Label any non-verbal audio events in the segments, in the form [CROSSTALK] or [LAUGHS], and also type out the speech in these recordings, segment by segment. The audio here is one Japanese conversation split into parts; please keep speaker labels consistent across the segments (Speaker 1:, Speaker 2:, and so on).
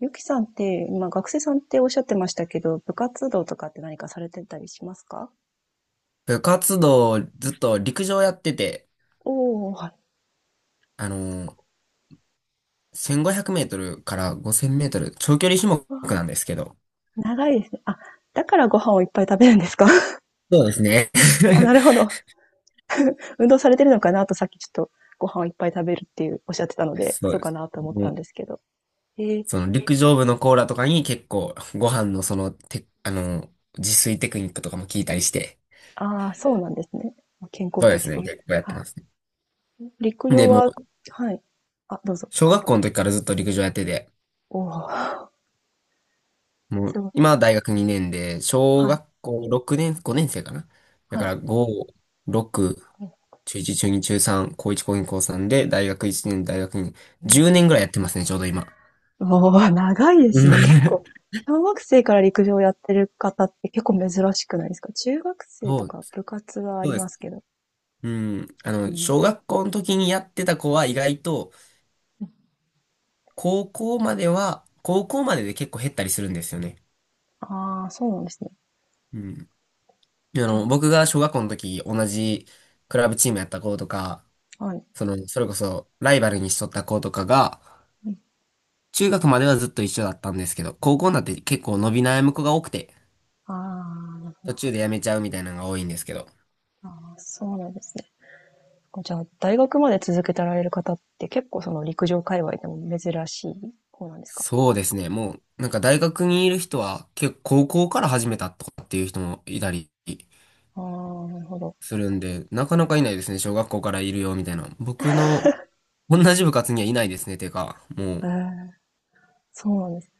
Speaker 1: ゆきさんって、今学生さんっておっしゃってましたけど、部活動とかって何かされてたりしますか？
Speaker 2: 部活動、ずっと陸上やってて、
Speaker 1: おおー、はい。
Speaker 2: あのー、1500メートルから5000メートル、長距離種
Speaker 1: わあ、
Speaker 2: 目なんですけど。
Speaker 1: 長いですね。あ、だからご飯をいっぱい食べるんですか？ [LAUGHS]
Speaker 2: そうですね。
Speaker 1: あ、な
Speaker 2: [LAUGHS]
Speaker 1: るほど。運動されてるのかなとさっきちょっとご飯をいっぱい食べるっていうおっしゃってたので、
Speaker 2: そ
Speaker 1: そ
Speaker 2: う
Speaker 1: う
Speaker 2: で
Speaker 1: か
Speaker 2: す。
Speaker 1: なと思っ
Speaker 2: も
Speaker 1: たん
Speaker 2: う
Speaker 1: ですけど。えー、
Speaker 2: その陸上部のコーラとかに結構ご飯のそのて、あのー、自炊テクニックとかも聞いたりして。
Speaker 1: ああ、そうなんですね。健康
Speaker 2: そうで
Speaker 1: 的
Speaker 2: すね。
Speaker 1: そう。
Speaker 2: 結構やってま
Speaker 1: は
Speaker 2: すね。
Speaker 1: い。陸上
Speaker 2: で、も
Speaker 1: は、
Speaker 2: う、
Speaker 1: はい。あ、どうぞ。
Speaker 2: 小学校の時からずっと陸上やってて、
Speaker 1: おお、[LAUGHS]
Speaker 2: も
Speaker 1: す
Speaker 2: う、
Speaker 1: ごい。
Speaker 2: 今は大学2年で、小
Speaker 1: はい。
Speaker 2: 学校6年、5年生かな。だ
Speaker 1: は
Speaker 2: か
Speaker 1: い。
Speaker 2: ら5、6、中1、中2、中3、高1、高2、高3で、大学1年、大学2年、10年ぐらいやってますね、ちょうど今。
Speaker 1: おお、長いで
Speaker 2: う
Speaker 1: す
Speaker 2: ん
Speaker 1: ね。結構、
Speaker 2: [LAUGHS]。
Speaker 1: 小学生から陸上やってる方って結構珍しくないですか？中学生
Speaker 2: そ
Speaker 1: と
Speaker 2: う、
Speaker 1: か部活はあ
Speaker 2: そう
Speaker 1: り
Speaker 2: で
Speaker 1: ま
Speaker 2: す。
Speaker 1: すけど。
Speaker 2: うん。あ
Speaker 1: う
Speaker 2: の、
Speaker 1: ん。
Speaker 2: 小学校の時にやってた子は意外と、高校までで結構減ったりするんですよね。
Speaker 1: ああ、そうなんですね。
Speaker 2: うん。あ
Speaker 1: じゃ
Speaker 2: の、僕が小学校の時、同じクラブチームやった子とか、
Speaker 1: あ、はい。
Speaker 2: その、それこそ、ライバルにしとった子とかが、
Speaker 1: うん。
Speaker 2: 中学まではずっと一緒だったんですけど、高校になって結構伸び悩む子が多くて、
Speaker 1: あ
Speaker 2: 途中で辞めちゃうみたいなのが多いんですけど。
Speaker 1: ー、あー、そうなんですね。じゃあ、大学まで続けてられる方って結構その陸上界隈でも珍しい方なんですか？
Speaker 2: そうですね。もう、なんか大学にいる人は、結構高校から始めたとかっていう人もいたり
Speaker 1: ああ、なるほど。
Speaker 2: するんで、なかなかいないですね。小学校からいるよみたいな。僕の同じ部活にはいないですね。てか、もう、
Speaker 1: ええ、そうなんです。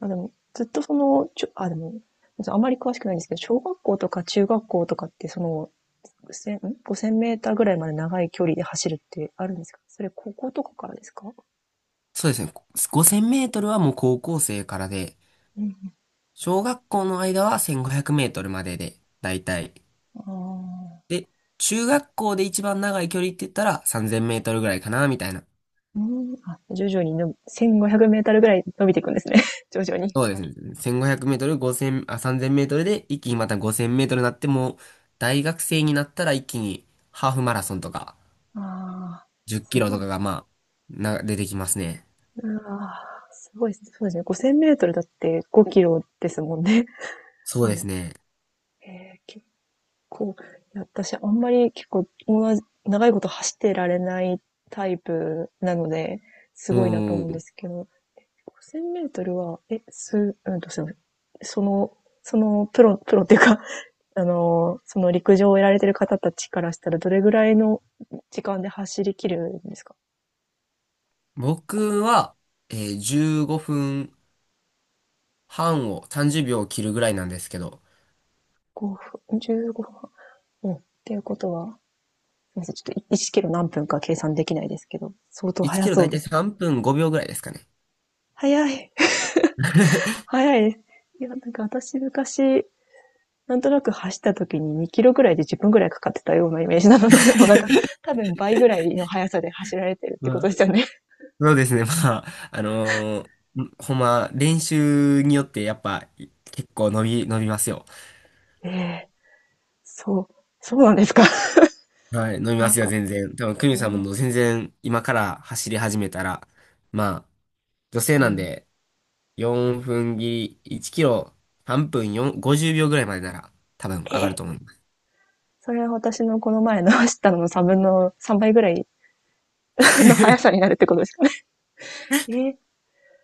Speaker 1: あ、でも、ずっとその、ちょ、あ、でも、あまり詳しくないんですけど、小学校とか中学校とかってその5000、んメーターぐらいまで長い距離で走るってあるんですか？それ、高校とかからですか？
Speaker 2: そうですね。5000メートルはもう高校生からで、
Speaker 1: うん。
Speaker 2: 小学校の間は1500メートルまでで、だいたい
Speaker 1: あ、
Speaker 2: で、中学校で一番長い距離って言ったら3000メートルぐらいかな、みたいな。
Speaker 1: うん。あ、徐々にの、1500メーターぐらい伸びていくんですね。[LAUGHS] 徐々に。
Speaker 2: そうですね。1500メートル、5 0あ、3000メートルで一気にまた5000メートルになってもう、大学生になったら一気にハーフマラソンとか、
Speaker 1: あ。ああ、
Speaker 2: 10
Speaker 1: す
Speaker 2: キロ
Speaker 1: ご
Speaker 2: と
Speaker 1: い。
Speaker 2: かがまあ、出てきますね。
Speaker 1: ああ、すごい。そうですね。5000メートルだって5キロですもんね。
Speaker 2: そう
Speaker 1: う
Speaker 2: で
Speaker 1: ん、
Speaker 2: すね。
Speaker 1: 結構、いや私あんまり結構、同じ長いこと走ってられないタイプなので、すごいなと
Speaker 2: も
Speaker 1: 思うんで
Speaker 2: う、
Speaker 1: すけど、5000メートルは、え、す、うんと、すいません。その、プロっていうか、[LAUGHS] あの、その陸上をやられてる方たちからしたら、どれぐらいの時間で走り切るんですか？ ?5、
Speaker 2: 僕は、15分半を30秒を切るぐらいなんですけど、
Speaker 1: 5分、15分。うん。っていうことは、すいません。ちょっと1キロ何分か計算できないですけど、相当
Speaker 2: 1キ
Speaker 1: 速
Speaker 2: ロだ
Speaker 1: そう
Speaker 2: いた
Speaker 1: で
Speaker 2: い
Speaker 1: すね。
Speaker 2: 3分5秒ぐらいですかね。
Speaker 1: 速い。[LAUGHS]
Speaker 2: [LAUGHS]
Speaker 1: 速いです。いや、なんか私昔、なんとなく走った時に2キロぐらいで10分ぐらいかかってたようなイメージなので、[LAUGHS] もうなんか多分倍ぐらいの速さで走られてるって
Speaker 2: ま
Speaker 1: こと
Speaker 2: あ、
Speaker 1: ですよね。
Speaker 2: そうですね。まあ、あのーほんま、練習によってやっぱい結構伸びますよ。
Speaker 1: [LAUGHS] ええー、そう、そうなんですか。
Speaker 2: はい、伸びま
Speaker 1: なん
Speaker 2: すよ、
Speaker 1: か、
Speaker 2: 全然。多分、クミ
Speaker 1: え
Speaker 2: さん
Speaker 1: え、
Speaker 2: も全然今から走り始めたら、まあ、女性
Speaker 1: う
Speaker 2: なん
Speaker 1: ん、
Speaker 2: で、4分切り、1キロ、半分4、50秒ぐらいまでなら、多分上
Speaker 1: え
Speaker 2: がる
Speaker 1: ー、
Speaker 2: と思います。
Speaker 1: それは私のこの前の走ったのの3分の3倍ぐらいの速さ
Speaker 2: [LAUGHS]
Speaker 1: になるってことですかね。[LAUGHS] えー、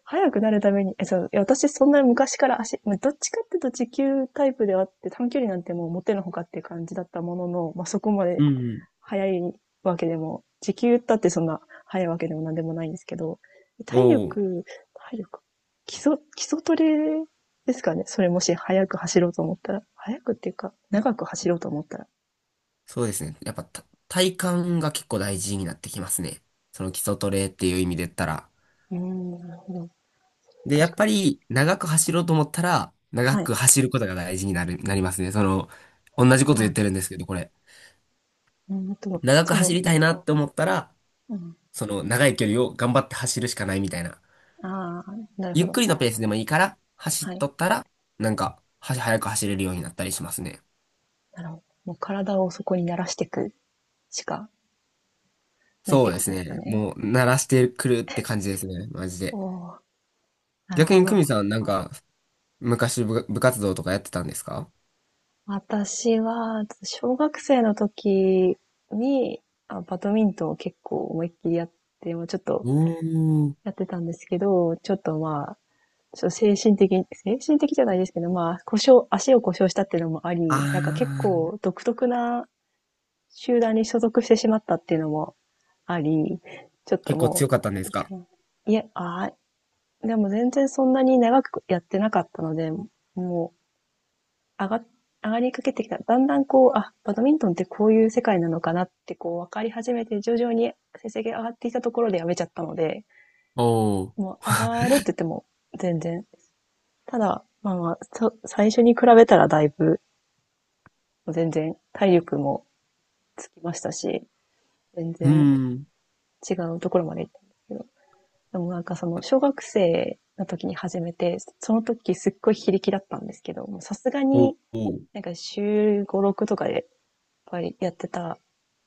Speaker 1: 速くなるために、え、そう、いや私そんな昔から足、どっちかっていうと持久タイプではあって短距離なんてもう持てのほかっていう感じだったものの、まあ、そこま
Speaker 2: う
Speaker 1: で
Speaker 2: ん
Speaker 1: 早いわけでも、時給だってそんな早いわけでもなんでもないんですけど、
Speaker 2: うん。
Speaker 1: 体
Speaker 2: おう、
Speaker 1: 力、体力、基礎、基礎トレですかね。それもし早く走ろうと思ったら、早くっていうか、長く走ろうと思ったら。
Speaker 2: そうですね。やっぱた体幹が結構大事になってきますね。その基礎トレっていう意味で言ったら。
Speaker 1: うーん、なるほど。
Speaker 2: で、や
Speaker 1: 確
Speaker 2: っ
Speaker 1: か
Speaker 2: ぱ
Speaker 1: に。
Speaker 2: り長く走ろうと思ったら、長
Speaker 1: はい。
Speaker 2: く走ることが大事になりますね。その、同じこと言っ
Speaker 1: あ、
Speaker 2: てるんですけど、これ。
Speaker 1: うん、でも、
Speaker 2: 長く
Speaker 1: そ
Speaker 2: 走
Speaker 1: の、
Speaker 2: りたいなって思ったら、
Speaker 1: うん。
Speaker 2: その長い距離を頑張って走るしかないみたいな。
Speaker 1: ああ、なるほ
Speaker 2: ゆっ
Speaker 1: ど。
Speaker 2: くりのペースでもいいから、走っ
Speaker 1: はい。
Speaker 2: とったら、なんか、早く走れるようになったりしますね。
Speaker 1: なるほど。もう体をそこに慣らしていくしかないっ
Speaker 2: そ
Speaker 1: て
Speaker 2: うで
Speaker 1: こと
Speaker 2: す
Speaker 1: ですか
Speaker 2: ね。
Speaker 1: ね。
Speaker 2: もう、慣らしてくるって感じですね。マジ
Speaker 1: お
Speaker 2: で。
Speaker 1: お、なる
Speaker 2: 逆
Speaker 1: ほ
Speaker 2: に、久
Speaker 1: ど。
Speaker 2: 美さん、なんか、昔部活動とかやってたんですか？
Speaker 1: 私は、小学生の時に、あ、バドミントンを結構思いっきりやって、もうちょっ
Speaker 2: お
Speaker 1: と
Speaker 2: ー。
Speaker 1: やってたんですけど、ちょっとまあ、ちょっと精神的じゃないですけど、まあ、故障、足を故障したっていうのもあ
Speaker 2: あ
Speaker 1: り、なんか結
Speaker 2: ー、
Speaker 1: 構独特な集団に所属してしまったっていうのもあり、ちょっと
Speaker 2: 結構
Speaker 1: も
Speaker 2: 強かったんで
Speaker 1: う、
Speaker 2: す
Speaker 1: いい
Speaker 2: か？
Speaker 1: かな。いや、あー、でも全然そんなに長くやってなかったので、も上が、上がりかけてきた。だんだんこう、あ、バドミントンってこういう世界なのかなってこう分かり始めて、徐々に成績が上がってきたところでやめちゃったので、
Speaker 2: おー。
Speaker 1: もう上がるって言っても全然。ただ、まあまあ、最初に比べたらだいぶ、全然体力もつきましたし、全
Speaker 2: う
Speaker 1: 然
Speaker 2: ん。
Speaker 1: 違うところまで行ったんですけど。でもなんかその小学生の時に始めて、その時すっごい非力だったんですけど、さすが
Speaker 2: お
Speaker 1: に
Speaker 2: お。
Speaker 1: なんか週5、6とかでぱりやってた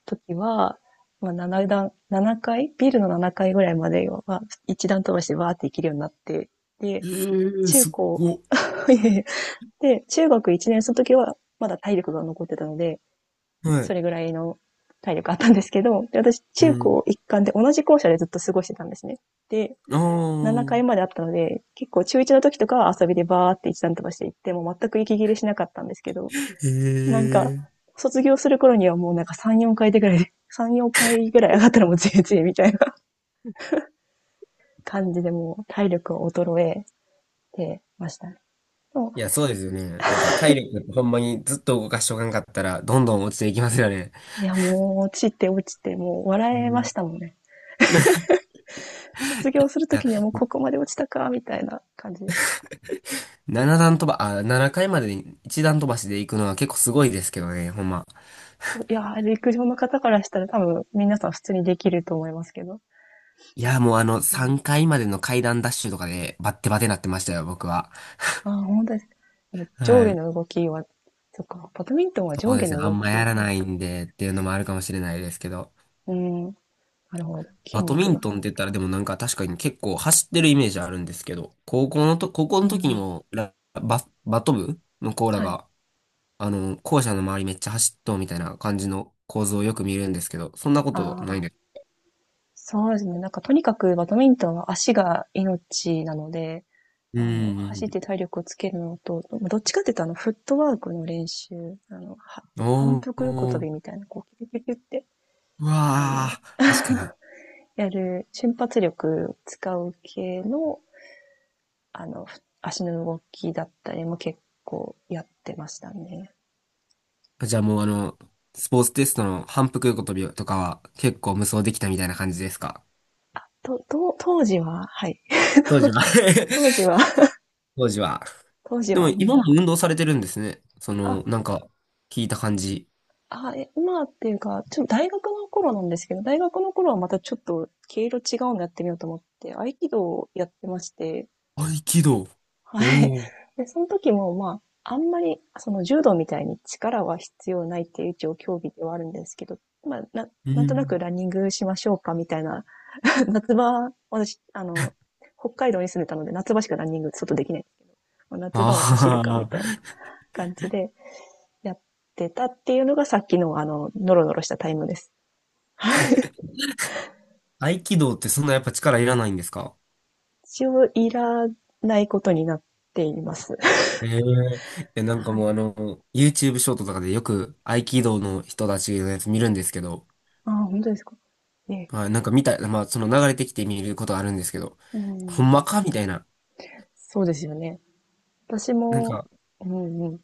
Speaker 1: 時は、まあ、7階ビルの7階ぐらいまでは、1段飛ばしてバーって行けるようになって、で、
Speaker 2: ええ、
Speaker 1: 中
Speaker 2: す
Speaker 1: 高、
Speaker 2: ごっ。
Speaker 1: [LAUGHS] で、中学1年生の時は、まだ体力が残ってたので、
Speaker 2: は
Speaker 1: そ
Speaker 2: い。
Speaker 1: れぐらいの体力あったんですけど、で私、
Speaker 2: う
Speaker 1: 中高
Speaker 2: ん。
Speaker 1: 一貫で同じ校舎でずっと過ごしてたんですね。で、
Speaker 2: あ
Speaker 1: 7階ま
Speaker 2: あ。
Speaker 1: であったので、結構中1の時とかは遊びでバーって一段飛ばして行って、もう全く息切れしなかったんですけど、
Speaker 2: へ
Speaker 1: なんか、
Speaker 2: え。
Speaker 1: 卒業する頃にはもうなんか3、4回でぐらいで、[LAUGHS] 3、4回ぐらい上がったらもう全然みたいな [LAUGHS] 感じでもう体力を衰えてましたね。も、
Speaker 2: いや、そうですよね。なんか、体力ってほんまにずっと動かしとかんかったら、どんどん落ちていきますよね。
Speaker 1: いやもう落ちて落ちてもう笑
Speaker 2: う
Speaker 1: えま
Speaker 2: ん。い
Speaker 1: したもんね。卒業すると
Speaker 2: や、
Speaker 1: きにはもうここまで落ちたか、みたいな感じでした。
Speaker 2: 7段飛ば、あ、7回までに1段飛ばしで行くのは結構すごいですけどね、ほんま。
Speaker 1: いやー、陸上の方からしたら多分皆さん普通にできると思いますけど。
Speaker 2: いや、もうあの、
Speaker 1: うん、
Speaker 2: 3回までの階段ダッシュとかで、バッテバテなってましたよ、僕は。
Speaker 1: ああ、本当です。上
Speaker 2: は
Speaker 1: 下
Speaker 2: い。
Speaker 1: の動きは、そっか、バドミントンは
Speaker 2: そ
Speaker 1: 上
Speaker 2: う
Speaker 1: 下
Speaker 2: ですね。
Speaker 1: の
Speaker 2: あ
Speaker 1: 動
Speaker 2: んまや
Speaker 1: き
Speaker 2: ら
Speaker 1: なんで
Speaker 2: な
Speaker 1: す
Speaker 2: い
Speaker 1: か
Speaker 2: ん
Speaker 1: ね。
Speaker 2: で、っていうのもあるかもしれないですけど。
Speaker 1: うん、なるほど。筋
Speaker 2: バドミ
Speaker 1: 肉が。
Speaker 2: ントンって言ったらでもなんか確かに結構走ってるイメージあるんですけど、高校
Speaker 1: う
Speaker 2: の時に
Speaker 1: ん、
Speaker 2: もバト部のコーラ
Speaker 1: はい。
Speaker 2: が、あの、校舎の周りめっちゃ走っとうみたいな感じの構造をよく見るんですけど、そんなことない
Speaker 1: ああ、
Speaker 2: ね。
Speaker 1: そうですね。なんかとにかくバドミントンは足が命なので、
Speaker 2: う
Speaker 1: あの、
Speaker 2: ー
Speaker 1: 走っ
Speaker 2: ん。
Speaker 1: て体力をつけるのと、どっちかっていうとあの、フットワークの練習、あの、反
Speaker 2: お
Speaker 1: 復横跳
Speaker 2: ー、
Speaker 1: びみたいな、こう、キュキュキュキュって、
Speaker 2: う
Speaker 1: あの、
Speaker 2: わー、確かに。
Speaker 1: やる瞬発力を使う系の、あの、足の動きだったりも結構やってましたね。
Speaker 2: じゃあもうあの、スポーツテストの反復横跳びとかは結構無双できたみたいな感じですか？
Speaker 1: 当時は、はい。
Speaker 2: 当
Speaker 1: [LAUGHS]
Speaker 2: 時は。
Speaker 1: 当時は、
Speaker 2: [LAUGHS] 当時は。
Speaker 1: 当時
Speaker 2: でも
Speaker 1: は
Speaker 2: 今も
Speaker 1: もう、
Speaker 2: 運動されてるんですね。その、
Speaker 1: あ、
Speaker 2: なんか、聞いた感じ。
Speaker 1: 今っていうか、ちょっと大学の頃なんですけど、大学の頃はまたちょっと毛色違うのやってみようと思って、合気道をやってまして、
Speaker 2: 合気道。
Speaker 1: はい。
Speaker 2: おお。
Speaker 1: [LAUGHS] で、その時も、まあ、あんまり、その柔道みたいに力は必要ないっていう一応競技ではあるんですけど、まあ、
Speaker 2: う
Speaker 1: なんとなく
Speaker 2: ん。
Speaker 1: ランニングしましょうかみたいな、[LAUGHS] 夏場、私、あの、北海道に住んでたので、夏場しかランニング外できない。まあ夏場は走る
Speaker 2: あ
Speaker 1: かみ
Speaker 2: あ。
Speaker 1: たいな感じでやってたっていうのがさっきのあの、ノロノロしたタイムです。
Speaker 2: 合気道ってそんなやっぱ力いらないんですか？
Speaker 1: 一応いらないことになっています。[LAUGHS]
Speaker 2: えええ、なんか
Speaker 1: はい。
Speaker 2: もうあの、YouTube ショートとかでよく合気道の人たちのやつ見るんですけど、
Speaker 1: ああ、本当ですか。ね、
Speaker 2: はい、なんかまあその流れてきて見ることあるんですけど、
Speaker 1: う
Speaker 2: ほんま
Speaker 1: ん。
Speaker 2: かみたいな。
Speaker 1: そうですよね。私
Speaker 2: なん
Speaker 1: も、
Speaker 2: か、
Speaker 1: うんうん。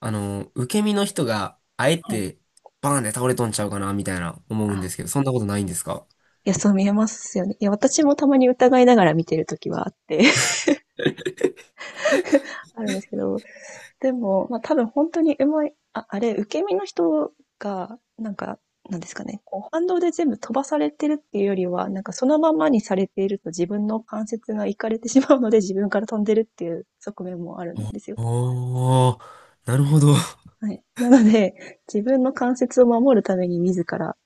Speaker 2: あの、受け身の人があえ
Speaker 1: はい。
Speaker 2: てバーンで倒れとんちゃうかなみたいな思うんで
Speaker 1: あ、
Speaker 2: すけど、そんなことないんですか？
Speaker 1: いや、そう見えますよね。いや、私もたまに疑いながら見てるときはあって、[LAUGHS] あるんですけど、でも、まあ多分本当にうまい、あ、あれ、受け身の人が、なんですかね、こう反動で全部飛ばされてるっていうよりは、なんかそのままにされていると自分の関節がいかれてしまうので自分から飛んでるっていう側面もあるんですよ。
Speaker 2: おおー、なるほど。
Speaker 1: はい。なので、自分の関節を守るために自ら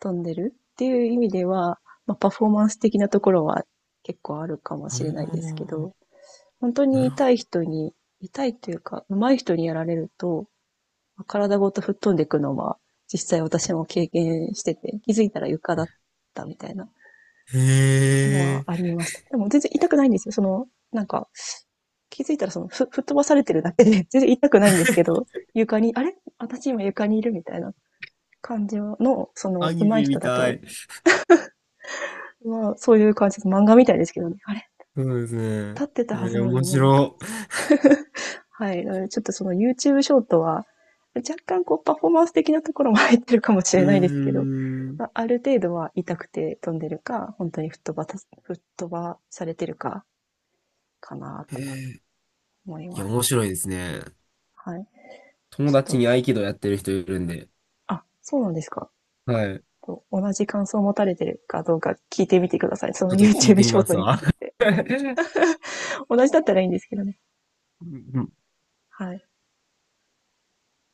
Speaker 1: 飛んでるっていう意味では、まあ、パフォーマンス的なところは結構あるかも
Speaker 2: あ
Speaker 1: しれないですけ
Speaker 2: ー、
Speaker 1: ど、本当
Speaker 2: な
Speaker 1: に
Speaker 2: るほ
Speaker 1: 痛い
Speaker 2: ど。
Speaker 1: 人に、痛いというか、上手い人にやられると、まあ体ごと吹っ飛んでいくのは、実際私も経験してて、気づいたら床だったみたいな
Speaker 2: へ
Speaker 1: のは
Speaker 2: え、
Speaker 1: ありました。でも全然痛くないんですよ。その、なんか、気づいたらその、吹っ飛ばされてるだけで、[LAUGHS] 全然痛くないんですけ
Speaker 2: [LAUGHS]
Speaker 1: ど、床に、あれ私今床にいるみたいな感じの、そ
Speaker 2: ア
Speaker 1: の、
Speaker 2: ニ
Speaker 1: 上手い
Speaker 2: メ
Speaker 1: 人
Speaker 2: み
Speaker 1: だ
Speaker 2: た
Speaker 1: と、
Speaker 2: い。
Speaker 1: まあ、そういう感じです、漫画みたいですけどね。あれ、
Speaker 2: そうですね。
Speaker 1: 立ってたはずなの
Speaker 2: 面
Speaker 1: にもういは
Speaker 2: 白。
Speaker 1: い。ちょっとその YouTube ショートは、若干こうパフォーマンス的なところも入ってるかもし
Speaker 2: う
Speaker 1: れないですけど、
Speaker 2: ーん。
Speaker 1: まあ、ある程度は痛くて飛んでるか、本当に吹っ飛ばされてるか、かな
Speaker 2: へ
Speaker 1: と
Speaker 2: え、
Speaker 1: 思い
Speaker 2: い
Speaker 1: ま
Speaker 2: や、
Speaker 1: す。
Speaker 2: 面白いですね。
Speaker 1: はい。
Speaker 2: 友
Speaker 1: ちょっ
Speaker 2: 達
Speaker 1: と、
Speaker 2: に合気道やってる人いるんで、
Speaker 1: あ、そうなんですか。
Speaker 2: はい。ち
Speaker 1: 同じ感想を持たれてるかどうか聞いてみてください。その
Speaker 2: ょっと聞い
Speaker 1: YouTube
Speaker 2: てみ
Speaker 1: ショー
Speaker 2: ま
Speaker 1: ト
Speaker 2: す
Speaker 1: に
Speaker 2: わ。
Speaker 1: ついて。
Speaker 2: [LAUGHS]
Speaker 1: 同じだったらいいんですけどね。
Speaker 2: うん
Speaker 1: はい。